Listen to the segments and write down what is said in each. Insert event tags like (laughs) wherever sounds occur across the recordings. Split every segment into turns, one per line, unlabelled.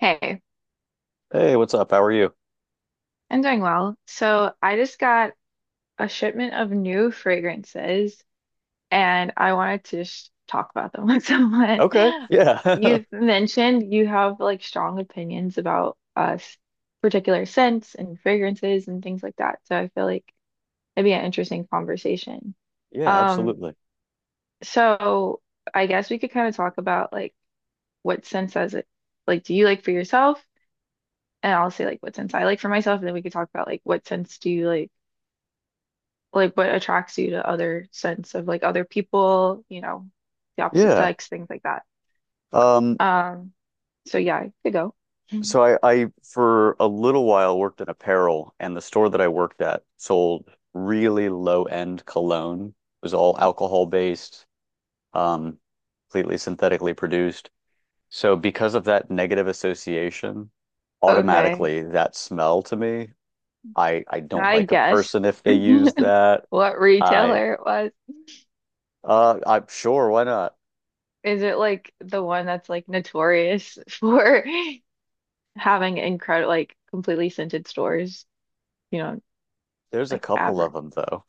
Hey,
Hey, what's up? How are you?
I'm doing well. So I just got a shipment of new fragrances and I wanted to just talk about them with (laughs) someone.
Okay. Yeah.
You've
(laughs)
mentioned you have like strong opinions about us particular scents and fragrances and things like that. So I feel like it'd be an interesting conversation.
Yeah,
Um,
absolutely.
so I guess we could kind of talk about like what scents does it like do you like for yourself? And I'll say like what scents I like for myself, and then we could talk about like what scents do you like what attracts you to other sense of like other people, the opposite
Yeah.
sex, things like that.
Um,
Um, so yeah, I could go. Mhm.
so I for a little while worked in apparel and the store that I worked at sold really low-end cologne. It was all alcohol-based, um, completely synthetically produced. So because of that negative association,
Okay,
automatically that smell to me, I don't
I
like a
guess
person if they use
(laughs)
that.
what
I
retailer it was.
uh I'm sure why not?
Is it like the one that's like notorious (laughs) for having incredible, like completely scented stores? You know,
There's a
like
couple of them though.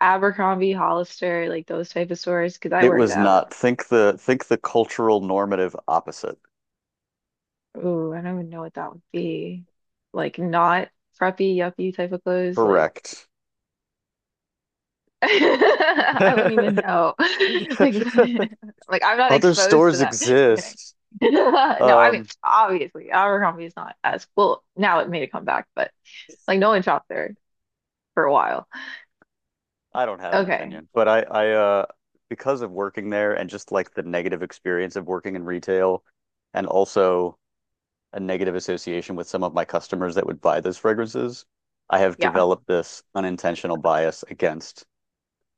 Abercrombie, Hollister, like those type of stores? Because I
It
worked
was
at
not.
Abercrombie.
Think the cultural normative opposite.
Ooh, I don't even know what that would be. Like not preppy, yuppie type of clothes. Like
Correct.
(laughs) I wouldn't even
(laughs)
know. (laughs) Like (laughs) like I'm not
Other
exposed to
stores
that. I'm kidding.
exist.
(laughs) No, I mean
Um,
obviously Abercrombie is not as well now it made a comeback, but like no one shopped there for a while.
I don't have an
Okay.
opinion, but I because of working there and just like the negative experience of working in retail and also a negative association with some of my customers that would buy those fragrances, I have
Yeah.
developed this unintentional bias against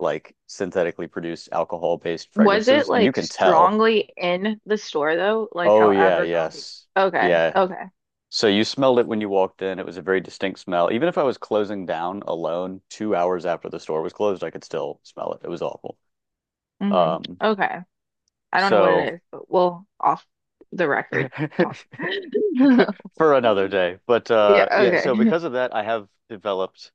like synthetically produced alcohol-based
Was it
fragrances, and you
like
can tell.
strongly in the store though? Like
Oh
how
yeah,
Abercrombie.
yes.
Okay.
Yeah.
Okay.
So you smelled it when you walked in. It was a very distinct smell. Even if I was closing down alone 2 hours after the store was closed, I could still smell it. It was awful.
Hmm.
Um,
Okay. I don't know what
so
it is, but we'll off the record talk.
(laughs)
(laughs)
for another day. But
Yeah,
yeah, so
okay.
because of that, I have developed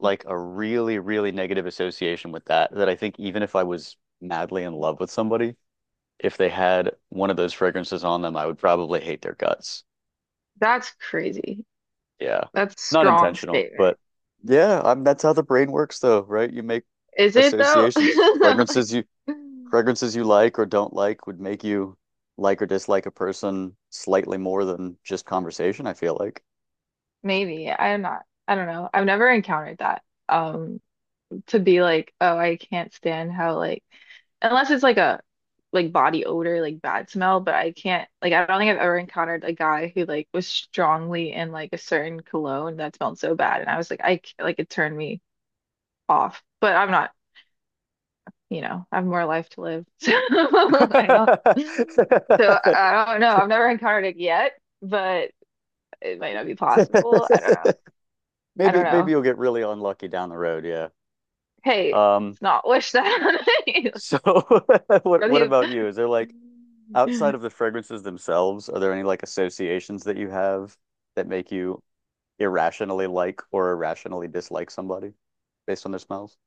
like a really, really negative association with that that I think even if I was madly in love with somebody, if they had one of those fragrances on them, I would probably hate their guts.
That's crazy.
Yeah.
That's
Not
strong
intentional,
statement.
but yeah, I mean that's how the brain works though, right? You make
Is it though? (laughs)
associations.
Like,
Fragrances you like or don't like would make you like or dislike a person slightly more than just conversation, I feel like.
maybe. I'm not. I don't know. I've never encountered that. Um, to be like, oh, I can't stand how like unless it's like a like body odor, like bad smell, but I can't like I don't think I've ever encountered a guy who like was strongly in like a certain cologne that smelled so bad and I was like I c- like it turned me off. But I'm not, I have more life to live. (laughs) So I don't so
(laughs)
I don't know. I've never encountered it yet, but it might not be possible. I don't know. I
Maybe
don't
maybe
know.
you'll get really unlucky down the road, yeah.
Hey,
Um
it's not wish that on me.
so (laughs) what about
(laughs)
you? Is there like outside
Really.
of the fragrances themselves, are there any like associations that you have that make you irrationally like or irrationally dislike somebody based on their smells?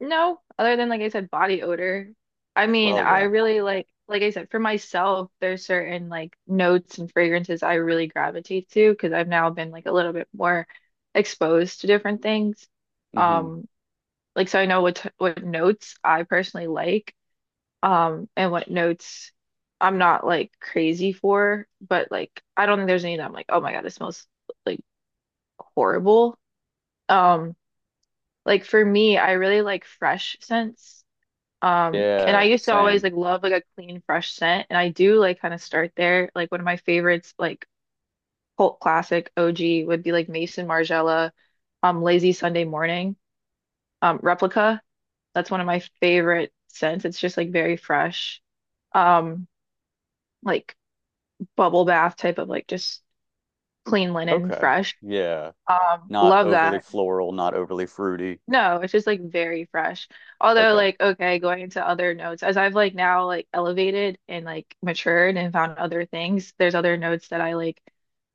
No, other than like I said, body odor. I mean,
Well,
I
yeah.
really like I said, for myself, there's certain like notes and fragrances I really gravitate to because I've now been like a little bit more exposed to different things.
Hmm.
Um, like so I know what t what notes I personally like, and what notes I'm not like crazy for, but like I don't think there's any that I'm like, oh my God, this smells like horrible. Um, like for me, I really like fresh scents. And I
Yeah,
used to always
same.
like love like a clean, fresh scent, and I do like kind of start there. Like one of my favorites, like cult classic OG, would be like Mason Margiela, Lazy Sunday Morning, Replica. That's one of my favorite scents. It's just like very fresh, um, like bubble bath type of like just clean linen,
Okay.
fresh.
Yeah.
Um,
Not
love
overly
that.
floral, not overly fruity.
No, it's just like very fresh. Although
Okay.
like okay, going into other notes as I've like now like elevated and like matured and found other things, there's other notes that I like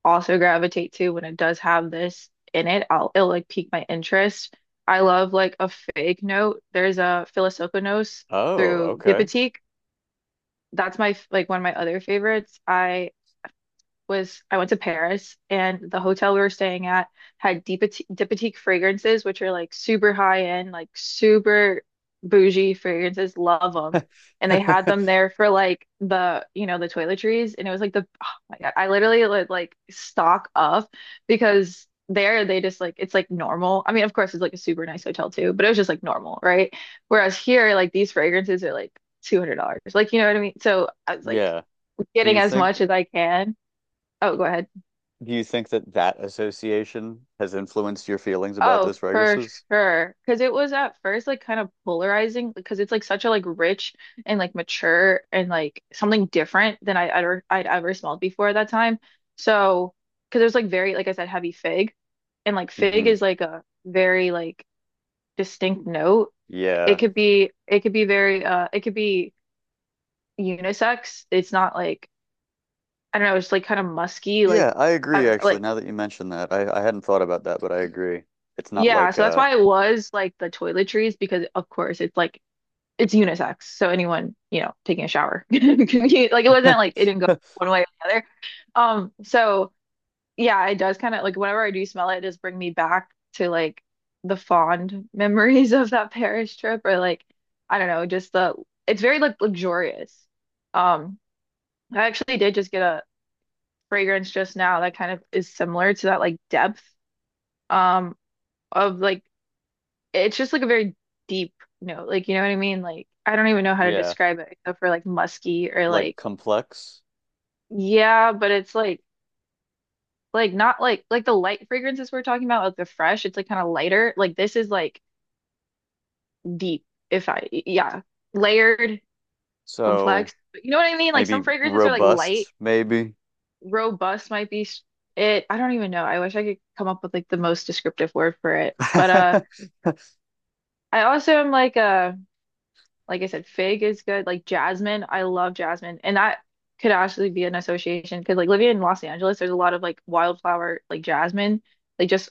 also gravitate to when it does have this in it. I'll It'll like pique my interest. I love like a fake note. There's a Philosophonos
Oh,
through
okay.
Diptyque. That's my like one of my other favorites. I went to Paris and the hotel we were staying at had Diptyque fragrances, which are like super high end, like super bougie fragrances. Love them. And they had them
(laughs)
there for like the, you know, the toiletries. And it was like the, oh my God, I literally would like stock up because there they just like, it's like normal. I mean, of course, it's like a super nice hotel too, but it was just like normal, right? Whereas here, like these fragrances are like $200. Like, you know what I mean? So I was like
Yeah. Do
getting
you
as
think
much as I can. Oh, go ahead.
do you think that that association has influenced your feelings about
Oh,
those
for
fragrances?
sure. Because it was at first like kind of polarizing because it's like such a like rich and like mature and like something different than I'd ever smelled before at that time. So because it was like very like I said heavy fig, and like fig
Hmm.
is like a very like distinct note.
Yeah.
It could be very it could be unisex. It's not like I don't know. It's like kind of musky like
Yeah, I
I
agree
don't know
actually.
like
Now that you mention that, I hadn't thought about that, but I agree. It's not
yeah.
like
So that's why it was like the toiletries because of course it's like it's unisex, so anyone, you know, taking a shower. (laughs) Like it wasn't like it didn't go
(laughs)
one way or the other. So yeah, it does kind of like whenever I do smell it, it does bring me back to like the fond (laughs) memories of that Paris trip or like I don't know, just the it's very like luxurious. Um, I actually did just get a fragrance just now that kind of is similar to that like depth um of like it's just like a very deep note. Like, you know what I mean? Like, I don't even know how to
yeah,
describe it except for like musky or
like
like,
complex.
yeah, but it's like not like, like the light fragrances we're talking about, like the fresh, it's like kind of lighter. Like this is like deep, if I, yeah, layered,
So
complex. But you know what I mean? Like
maybe
some fragrances are like light,
robust, maybe.
robust might be it. I don't even know. I wish I could come up with like the most descriptive word for it. But,
(laughs)
I also am like, like I said, fig is good. Like jasmine, I love jasmine. And that could actually be an association because like living in Los Angeles, there's a lot of like wildflower, like jasmine, like just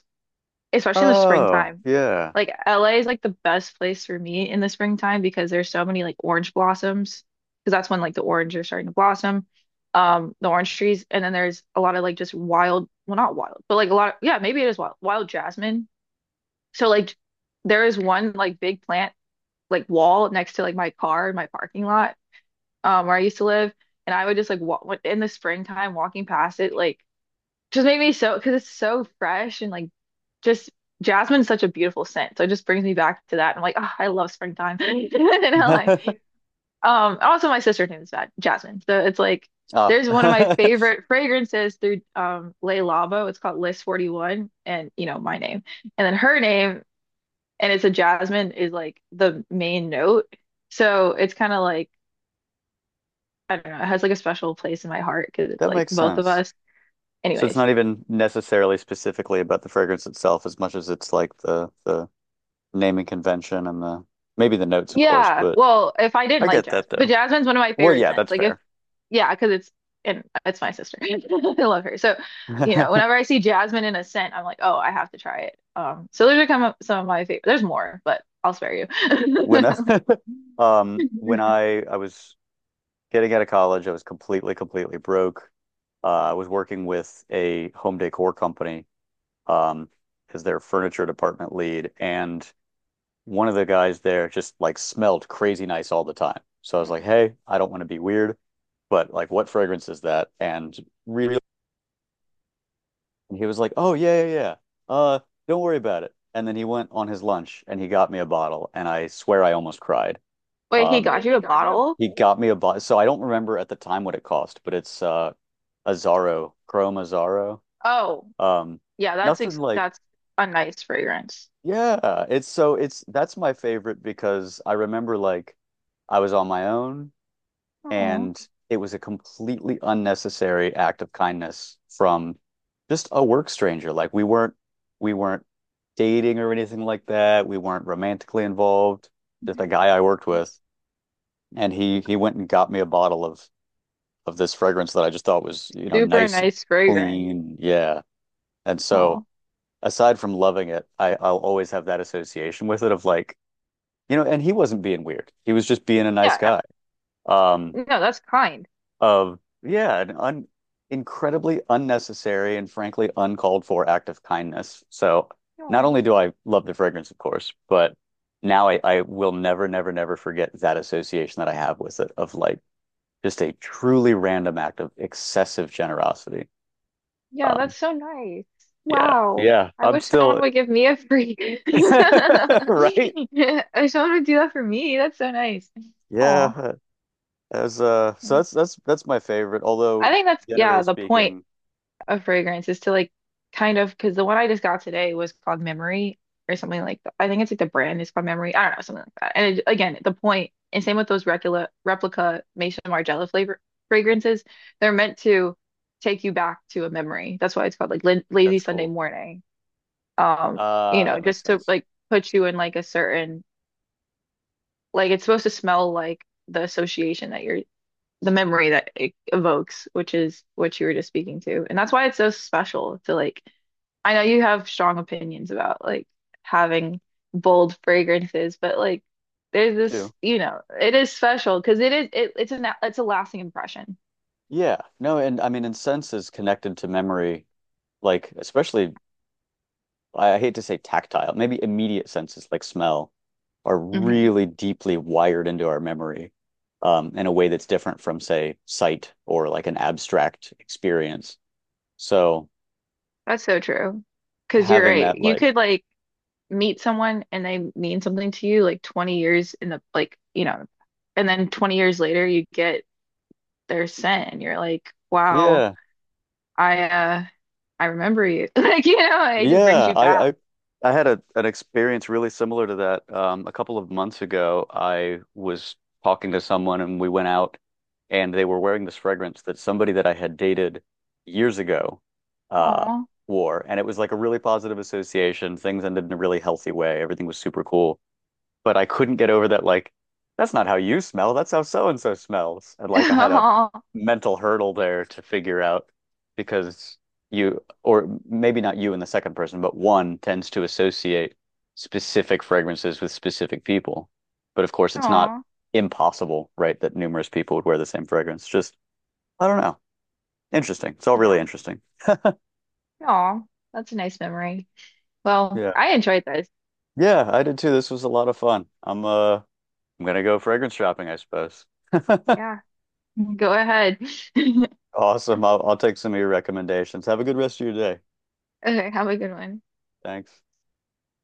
especially in the
Oh,
springtime.
yeah.
Like LA is like the best place for me in the springtime because there's so many like orange blossoms because that's when like the orange are starting to blossom. The orange trees, and then there's a lot of like just wild, well, not wild, but like a lot of, yeah, maybe it is wild, jasmine. So like there is one like big plant like wall next to like my car in my parking lot where I used to live and I would just like walk in the springtime walking past it like just made me so because it's so fresh and like just jasmine's such a beautiful scent so it just brings me back to that. I'm like oh, I love springtime (laughs) in LA.
(laughs)
Also my sister's name is that Jasmine so it's like
Oh,
there's
(laughs)
one of my
that
favorite fragrances through Le Labo. It's called List 41 and you know my name and then her name and it's a jasmine is like the main note. So it's kind of like I don't know, it has like a special place in my heart because it's like
makes
both of
sense.
us.
So it's
Anyways,
not even necessarily specifically about the fragrance itself as much as it's like the naming convention and the maybe the notes, of course,
yeah.
but
Well, if I didn't
I
like
get that
jasmine, but
though.
jasmine's one of my
Well,
favorite
yeah,
scents.
that's
Like if
fair.
yeah, because it's and it's my sister. (laughs) I love her. So, you know, whenever I
(laughs)
see jasmine in a scent, I'm like, oh, I have to try it. So those are kind of some of my favorite. There's more, but I'll spare you.
When I,
(laughs)
(laughs) when I was getting out of college, I was completely, completely broke. I was working with a home decor company, Um, as their furniture department lead. And one of the guys there just like smelled crazy nice all the time. So I was like, hey, I don't want to be weird, but like, what fragrance is that? And really, he was like, oh, yeah, yeah, yeah. Uh, don't worry about it. And then he went on his lunch and he got me a bottle. And I swear I almost cried.
Wait, he got
Wait,
you a bottle?
he got me a bottle. So I don't remember at the time what it cost, but it's Azaro, Chrome Azaro.
Oh,
Um,
yeah, that's
nothing
ex
like
that's a nice fragrance.
yeah, it's that's my favorite because I remember like I was on my own
Oh,
and it was a completely unnecessary act of kindness from just a work stranger. Like we weren't dating or anything like that. We weren't romantically involved. Just a guy I worked with and he went and got me a bottle of this fragrance that I just thought was, you know,
super
nice and
nice fragrance.
clean. Yeah. And so
Oh,
aside from loving it, I'll always have that association with it of like you know, and he wasn't being weird. He was just being a nice
yeah,
guy. Um,
no, no, that's kind.
of yeah, an un incredibly unnecessary and frankly uncalled for act of kindness. So not only
Oh,
do I love the fragrance, of course, but now I will never, never, never forget that association that I have with it of like just a truly random act of excessive generosity.
yeah,
Um,
that's so nice.
yeah,
Wow,
yeah,
I
I'm
wish someone
still
would give me a free. (laughs)
(laughs) right.
I wish someone would do that for me. That's so nice. Oh,
Yeah. As
I
so That's my favorite. Although
think that's
generally
yeah the point.
speaking,
A fragrance is to like kind of because the one I just got today was called Memory or something like that. I think it's like the brand is called Memory. I don't know, something like that. And it, again, the point, and same with those replica Maison Margiela flavor fragrances, they're meant to take you back to a memory. That's why it's called like Lin Lazy
that's
Sunday
cool.
Morning. Um, you know,
That makes
just to
sense
like put you in like a certain like it's supposed to smell like the association that you're the memory that it evokes, which is what you were just speaking to. And that's why it's so special to like I know you have strong opinions about like having bold fragrances, but like there's
too.
this, you know, it is special because it, it's a lasting impression.
Yeah, no, and I mean, and sense is connected to memory, like especially I hate to say tactile, maybe immediate senses like smell are
Hmm.
really deeply wired into our memory, in a way that's different from say sight or like an abstract experience. So
That's so true. Because you're
having
right.
that
You
like,
could like meet someone and they mean something to you like 20 years in the like, you know, and then 20 years later you get their scent and you're like, wow,
yeah.
I uh I remember you. (laughs) Like, you know, it just brings
Yeah,
you back.
I had a an experience really similar to that. A couple of months ago, I was talking to someone and we went out and they were wearing this fragrance that somebody that I had dated years ago uh
Aw.
wore. And it was like a really positive association. Things ended in a really healthy way. Everything was super cool, but I couldn't get over that like that's not how you smell, that's how so and so smells. And like I had a
(laughs) Aw.
mental hurdle there to figure out because you or maybe not you in the second person, but one tends to associate specific fragrances with specific people. But of course it's not
Aw.
impossible, right, that numerous people would wear the same fragrance. Just I don't know. Interesting. It's all
Yeah.
really interesting.
Aw, that's a nice memory. Well,
Yeah.
I enjoyed this.
Yeah, I did too. This was a lot of fun. I'm gonna go fragrance shopping, I suppose.
Yeah, go ahead. (laughs)
Awesome. I'll take some of your recommendations. Have a good rest of your day.
Okay, have a good one.
Thanks.